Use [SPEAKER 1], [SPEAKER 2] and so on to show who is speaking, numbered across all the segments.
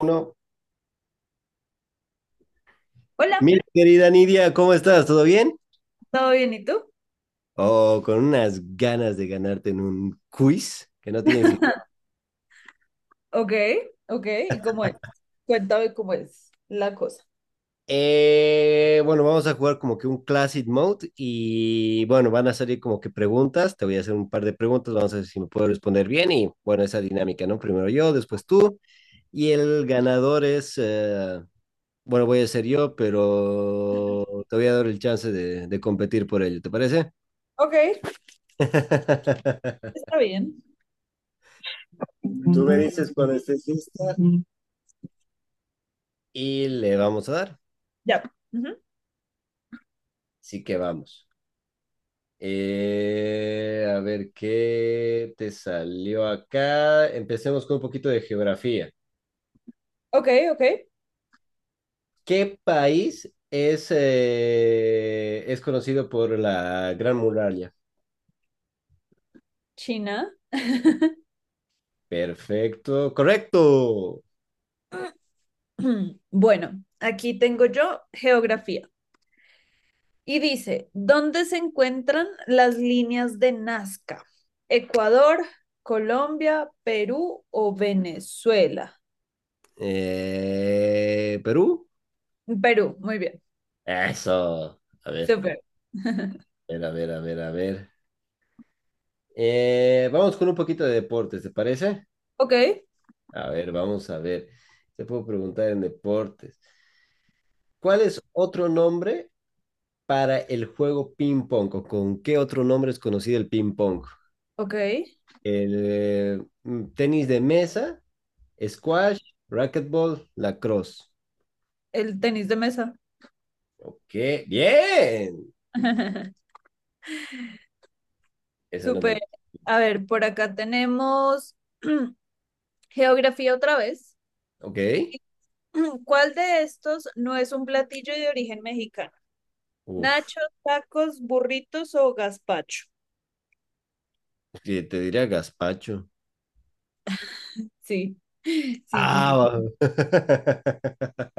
[SPEAKER 1] Uno.
[SPEAKER 2] Hola,
[SPEAKER 1] Mi querida Nidia, ¿cómo estás? ¿Todo bien?
[SPEAKER 2] ¿todo bien? ¿Y tú?
[SPEAKER 1] Oh, con unas ganas de ganarte en un quiz que no tienes idea.
[SPEAKER 2] Ok, ok, ¿y cómo es? Cuéntame cómo es la cosa.
[SPEAKER 1] Bueno, vamos a jugar como que un Classic Mode y bueno, van a salir como que preguntas. Te voy a hacer un par de preguntas, vamos a ver si me puedo responder bien y bueno, esa dinámica, ¿no? Primero yo, después tú y el ganador es, bueno, voy a ser yo, pero te voy a dar el chance de competir por ello, ¿te parece?
[SPEAKER 2] Ok, está bien.
[SPEAKER 1] Tú me dices cuando estés lista y le vamos a dar.
[SPEAKER 2] Ya. Ujú.
[SPEAKER 1] Así que vamos. A ver qué te salió acá. Empecemos con un poquito de geografía.
[SPEAKER 2] Ok, ok.
[SPEAKER 1] ¿Qué país es conocido por la Gran Muralla?
[SPEAKER 2] China.
[SPEAKER 1] Perfecto, correcto.
[SPEAKER 2] Bueno, aquí tengo yo geografía. Y dice, ¿dónde se encuentran las líneas de Nazca? ¿Ecuador, Colombia, Perú o Venezuela?
[SPEAKER 1] ¿Perú?
[SPEAKER 2] Perú, muy bien.
[SPEAKER 1] Eso. A ver,
[SPEAKER 2] Súper.
[SPEAKER 1] a ver, a ver, a ver. A ver. Vamos con un poquito de deportes, ¿te parece?
[SPEAKER 2] Ok,
[SPEAKER 1] A ver, vamos a ver. Te puedo preguntar en deportes. ¿Cuál es otro nombre para el juego ping pong? ¿O con qué otro nombre es conocido el ping pong?
[SPEAKER 2] ok.
[SPEAKER 1] El tenis de mesa, squash, racquetball, lacrosse.
[SPEAKER 2] El tenis de mesa.
[SPEAKER 1] Ok, bien. Esa no me la...
[SPEAKER 2] Súper. A ver, por acá tenemos geografía otra vez.
[SPEAKER 1] Ok.
[SPEAKER 2] ¿Cuál de estos no es un platillo de origen mexicano?
[SPEAKER 1] Uf,
[SPEAKER 2] ¿Nachos, tacos, burritos o gazpacho?
[SPEAKER 1] sí, te diría gazpacho.
[SPEAKER 2] Sí, sí, sí,
[SPEAKER 1] Ah,
[SPEAKER 2] sí.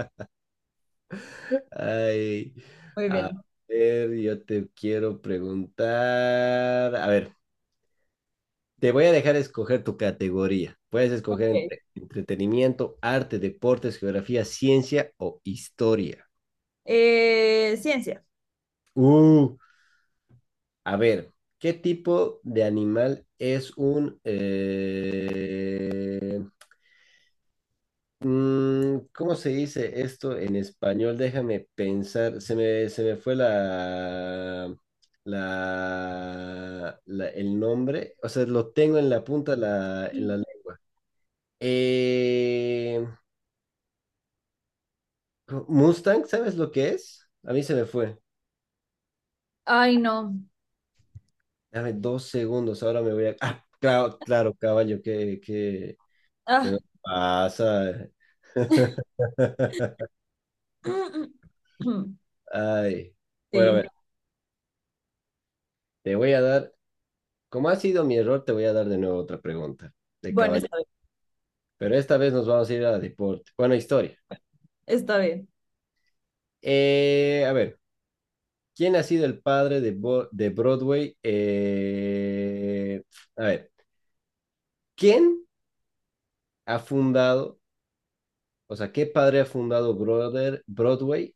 [SPEAKER 1] Ay,
[SPEAKER 2] Muy
[SPEAKER 1] a
[SPEAKER 2] bien.
[SPEAKER 1] ver, yo te quiero preguntar. A ver. Te voy a dejar escoger tu categoría. Puedes escoger
[SPEAKER 2] Ok.
[SPEAKER 1] entre entretenimiento, arte, deportes, geografía, ciencia o historia.
[SPEAKER 2] Ciencia.
[SPEAKER 1] Uh, a ver, ¿qué tipo de animal es un... ¿Cómo se dice esto en español? Déjame pensar. Se me fue el nombre. O sea, lo tengo en la punta en la lengua. Eh, Mustang, ¿sabes lo que es? A mí se me fue.
[SPEAKER 2] Ay, no.
[SPEAKER 1] Dame 2 segundos, ahora me voy a... Ah, claro, claro, caballo, que no
[SPEAKER 2] Ah.
[SPEAKER 1] pasa. Ay. Bueno, a
[SPEAKER 2] Sí.
[SPEAKER 1] ver, te voy a dar, como ha sido mi error, te voy a dar de nuevo otra pregunta de
[SPEAKER 2] Bueno,
[SPEAKER 1] caballo.
[SPEAKER 2] está bien.
[SPEAKER 1] Pero esta vez nos vamos a ir a deporte. Bueno, historia.
[SPEAKER 2] Está bien.
[SPEAKER 1] A ver, ¿quién ha sido el padre de Broadway? A ver, ¿quién ha fundado O sea, qué padre ha fundado Broadway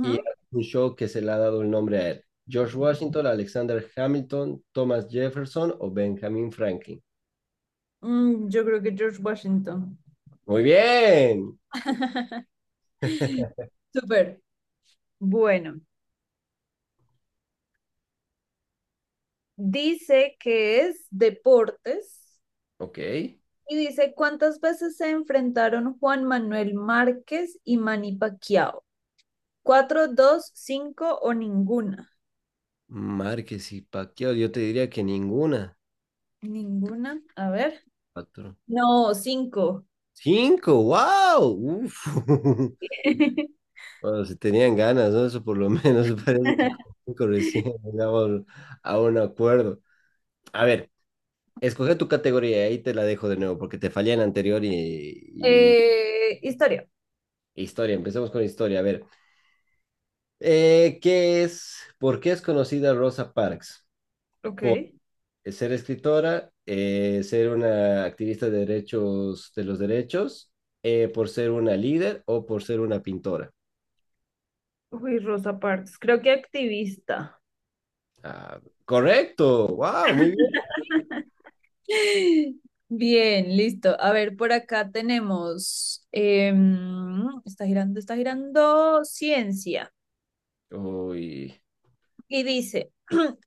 [SPEAKER 1] y un show que se le ha dado el nombre a él. George Washington, Alexander Hamilton, Thomas Jefferson o Benjamin Franklin.
[SPEAKER 2] Yo creo que George Washington.
[SPEAKER 1] Muy bien.
[SPEAKER 2] Súper. Bueno. Dice que es deportes
[SPEAKER 1] Ok.
[SPEAKER 2] y dice cuántas veces se enfrentaron Juan Manuel Márquez y Manny Pacquiao. Cuatro, dos, cinco o ninguna.
[SPEAKER 1] Márquez y Pacquiao, yo te diría que ninguna.
[SPEAKER 2] Ninguna, a ver.
[SPEAKER 1] Cuatro.
[SPEAKER 2] No, cinco.
[SPEAKER 1] Cinco, wow. Uf. Bueno, si tenían ganas, ¿no? Eso por lo menos parece que con cinco recién llegamos a un acuerdo. A ver, escoge tu categoría y ahí te la dejo de nuevo porque te fallé en la anterior y,
[SPEAKER 2] Historia.
[SPEAKER 1] historia, empecemos con historia. A ver, ¿por qué es conocida Rosa Parks?
[SPEAKER 2] Ok.
[SPEAKER 1] Por ser escritora, ser una activista de los derechos, por ser una líder o por ser una pintora.
[SPEAKER 2] Uy, Rosa Parks. Creo que activista.
[SPEAKER 1] Ah, correcto, wow, muy bien.
[SPEAKER 2] Bien, listo. A ver, por acá tenemos, está girando, ciencia.
[SPEAKER 1] Uy,
[SPEAKER 2] Y dice,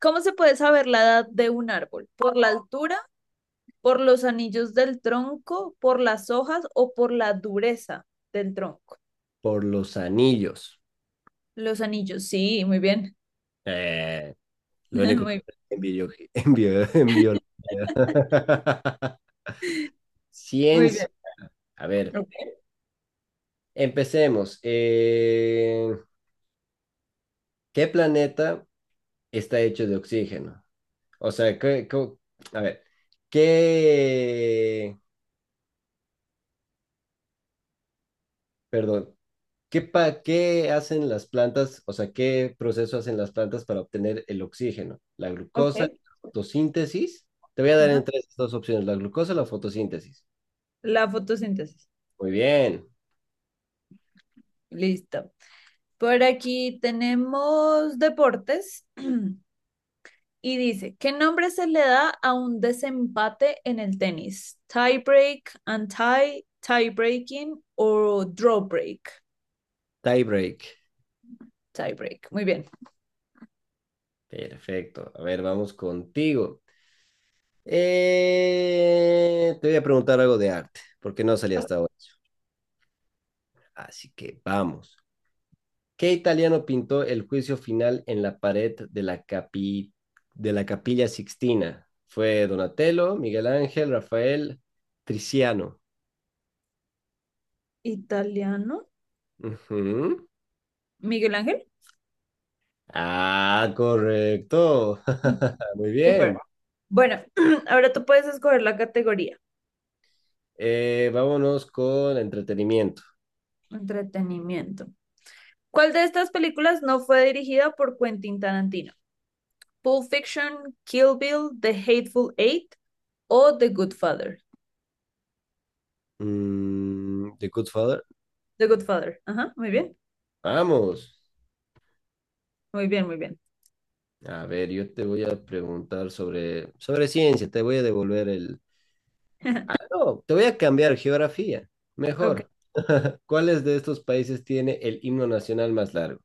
[SPEAKER 2] ¿cómo se puede saber la edad de un árbol? ¿Por la altura, por los anillos del tronco, por las hojas o por la dureza del tronco?
[SPEAKER 1] por los anillos.
[SPEAKER 2] Los anillos, sí, muy bien.
[SPEAKER 1] Eh, lo único
[SPEAKER 2] Muy
[SPEAKER 1] que
[SPEAKER 2] bien.
[SPEAKER 1] en, bio- en biología.
[SPEAKER 2] Muy
[SPEAKER 1] Ciencia.
[SPEAKER 2] bien.
[SPEAKER 1] A ver,
[SPEAKER 2] Ok.
[SPEAKER 1] empecemos. ¿Qué planeta está hecho de oxígeno? O sea, a ver, ¿qué, perdón, ¿qué hacen las plantas? O sea, ¿qué proceso hacen las plantas para obtener el oxígeno? ¿La glucosa,
[SPEAKER 2] Ok.
[SPEAKER 1] la fotosíntesis? Te voy a dar
[SPEAKER 2] Ajá.
[SPEAKER 1] entre estas dos opciones, la glucosa o la fotosíntesis.
[SPEAKER 2] La fotosíntesis.
[SPEAKER 1] Muy bien,
[SPEAKER 2] Listo. Por aquí tenemos deportes y dice, ¿qué nombre se le da a un desempate en el tenis? Tie break, anti, tie breaking o draw break.
[SPEAKER 1] tiebreak.
[SPEAKER 2] Tie break. Muy bien.
[SPEAKER 1] Perfecto. A ver, vamos contigo. Te voy a preguntar algo de arte, porque no salía hasta ahora. Así que vamos. ¿Qué italiano pintó el juicio final en la pared de la Capilla Sixtina? Fue Donatello, Miguel Ángel, Rafael, Tiziano.
[SPEAKER 2] Italiano.
[SPEAKER 1] Ujú.
[SPEAKER 2] Miguel Ángel.
[SPEAKER 1] Ah, correcto. Muy
[SPEAKER 2] Super.
[SPEAKER 1] bien.
[SPEAKER 2] Bueno, ahora tú puedes escoger la categoría.
[SPEAKER 1] Vámonos con entretenimiento.
[SPEAKER 2] Entretenimiento. ¿Cuál de estas películas no fue dirigida por Quentin Tarantino? Pulp Fiction, Kill Bill, The Hateful Eight o The Good Father.
[SPEAKER 1] The Good Father.
[SPEAKER 2] The Good Father. Ajá, muy bien,
[SPEAKER 1] Vamos.
[SPEAKER 2] muy bien, muy bien.
[SPEAKER 1] A ver, yo te voy a preguntar sobre ciencia. Te voy a devolver el... No, te voy a cambiar geografía.
[SPEAKER 2] Ok.
[SPEAKER 1] Mejor. ¿Cuáles de estos países tiene el himno nacional más largo?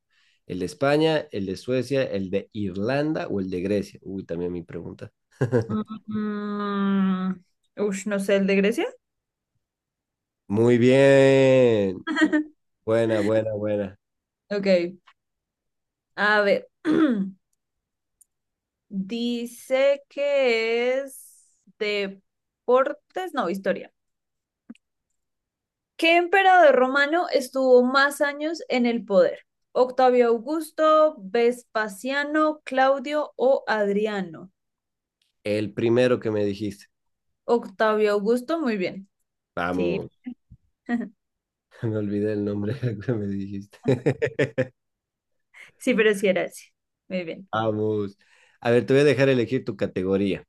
[SPEAKER 1] ¿El de España, el de Suecia, el de Irlanda o el de Grecia? Uy, también mi pregunta.
[SPEAKER 2] Mm, mm, mm. Ush, no sé, ¿el de Grecia?
[SPEAKER 1] Muy bien. Buena, buena, buena.
[SPEAKER 2] Ok, a ver. Dice que es deportes, no, historia. ¿Qué emperador romano estuvo más años en el poder? Octavio Augusto, Vespasiano, Claudio o Adriano.
[SPEAKER 1] El primero que me dijiste.
[SPEAKER 2] Octavio Augusto, muy bien. Sí,
[SPEAKER 1] Vamos, me olvidé el nombre que me dijiste.
[SPEAKER 2] sí, pero sí era ese. Muy bien.
[SPEAKER 1] Vamos. A ver, te voy a dejar elegir tu categoría.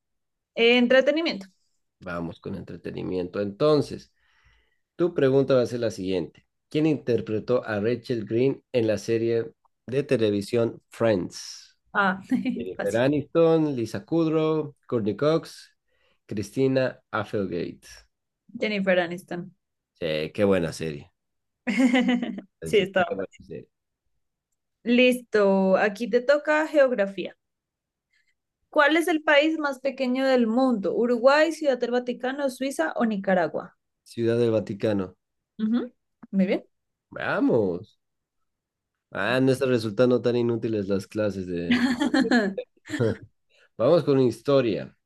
[SPEAKER 2] Entretenimiento.
[SPEAKER 1] Vamos con entretenimiento. Entonces, tu pregunta va a ser la siguiente. ¿Quién interpretó a Rachel Green en la serie de televisión Friends?
[SPEAKER 2] Ah,
[SPEAKER 1] Jennifer
[SPEAKER 2] fácil.
[SPEAKER 1] Aniston, Lisa Kudrow, Courtney Cox, Christina Applegate.
[SPEAKER 2] Jennifer Aniston.
[SPEAKER 1] Sí, qué buena serie. Es
[SPEAKER 2] Sí,
[SPEAKER 1] decir, qué
[SPEAKER 2] estaba.
[SPEAKER 1] buena
[SPEAKER 2] Fácil.
[SPEAKER 1] serie.
[SPEAKER 2] Listo, aquí te toca geografía. ¿Cuál es el país más pequeño del mundo? ¿Uruguay, Ciudad del Vaticano, Suiza o Nicaragua?
[SPEAKER 1] Ciudad del Vaticano.
[SPEAKER 2] Ujú, muy bien.
[SPEAKER 1] Vamos. Ah, no están resultando tan inútiles las clases de... Vamos con historia.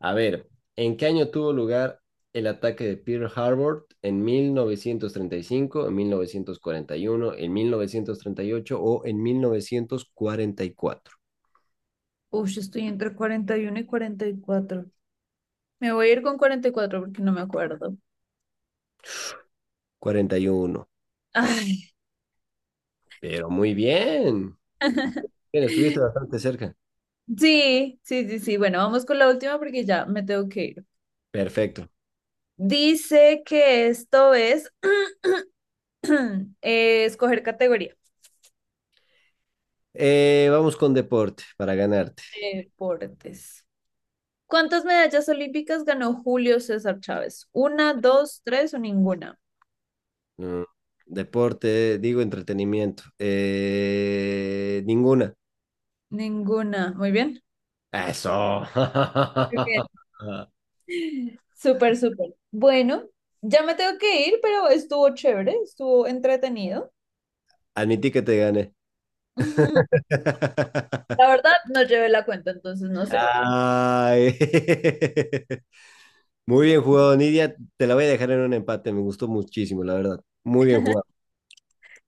[SPEAKER 1] A ver, ¿en qué año tuvo lugar el ataque de Pearl Harbor? ¿En 1935, en 1941, en 1938 o en 1944?
[SPEAKER 2] Uy, yo estoy entre 41 y 44. Me voy a ir con 44 porque no me acuerdo.
[SPEAKER 1] 41.
[SPEAKER 2] Ay,
[SPEAKER 1] Pero muy bien. Muy bien, estuviste bastante cerca.
[SPEAKER 2] sí, sí, sí, sí. Bueno, vamos con la última porque ya me tengo que ir.
[SPEAKER 1] Perfecto.
[SPEAKER 2] Dice que esto es escoger categoría.
[SPEAKER 1] Vamos con deporte para ganarte.
[SPEAKER 2] Deportes. ¿Cuántas medallas olímpicas ganó Julio César Chávez? ¿Una, dos, tres o ninguna?
[SPEAKER 1] Mm, deporte, digo entretenimiento. Ninguna.
[SPEAKER 2] Ninguna. Muy bien.
[SPEAKER 1] Eso.
[SPEAKER 2] Ok. Súper, súper. Bueno, ya me tengo que ir, pero estuvo chévere, estuvo entretenido.
[SPEAKER 1] Admití que te gané.
[SPEAKER 2] La verdad, no llevé la cuenta, entonces no sé.
[SPEAKER 1] Ay. Muy bien jugado, Nidia. Te la voy a dejar en un empate. Me gustó muchísimo, la verdad. Muy bien jugado.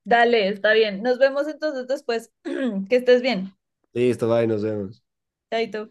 [SPEAKER 2] Dale, está bien. Nos vemos entonces después. Que estés bien.
[SPEAKER 1] Listo, bye, nos vemos.
[SPEAKER 2] Chaito.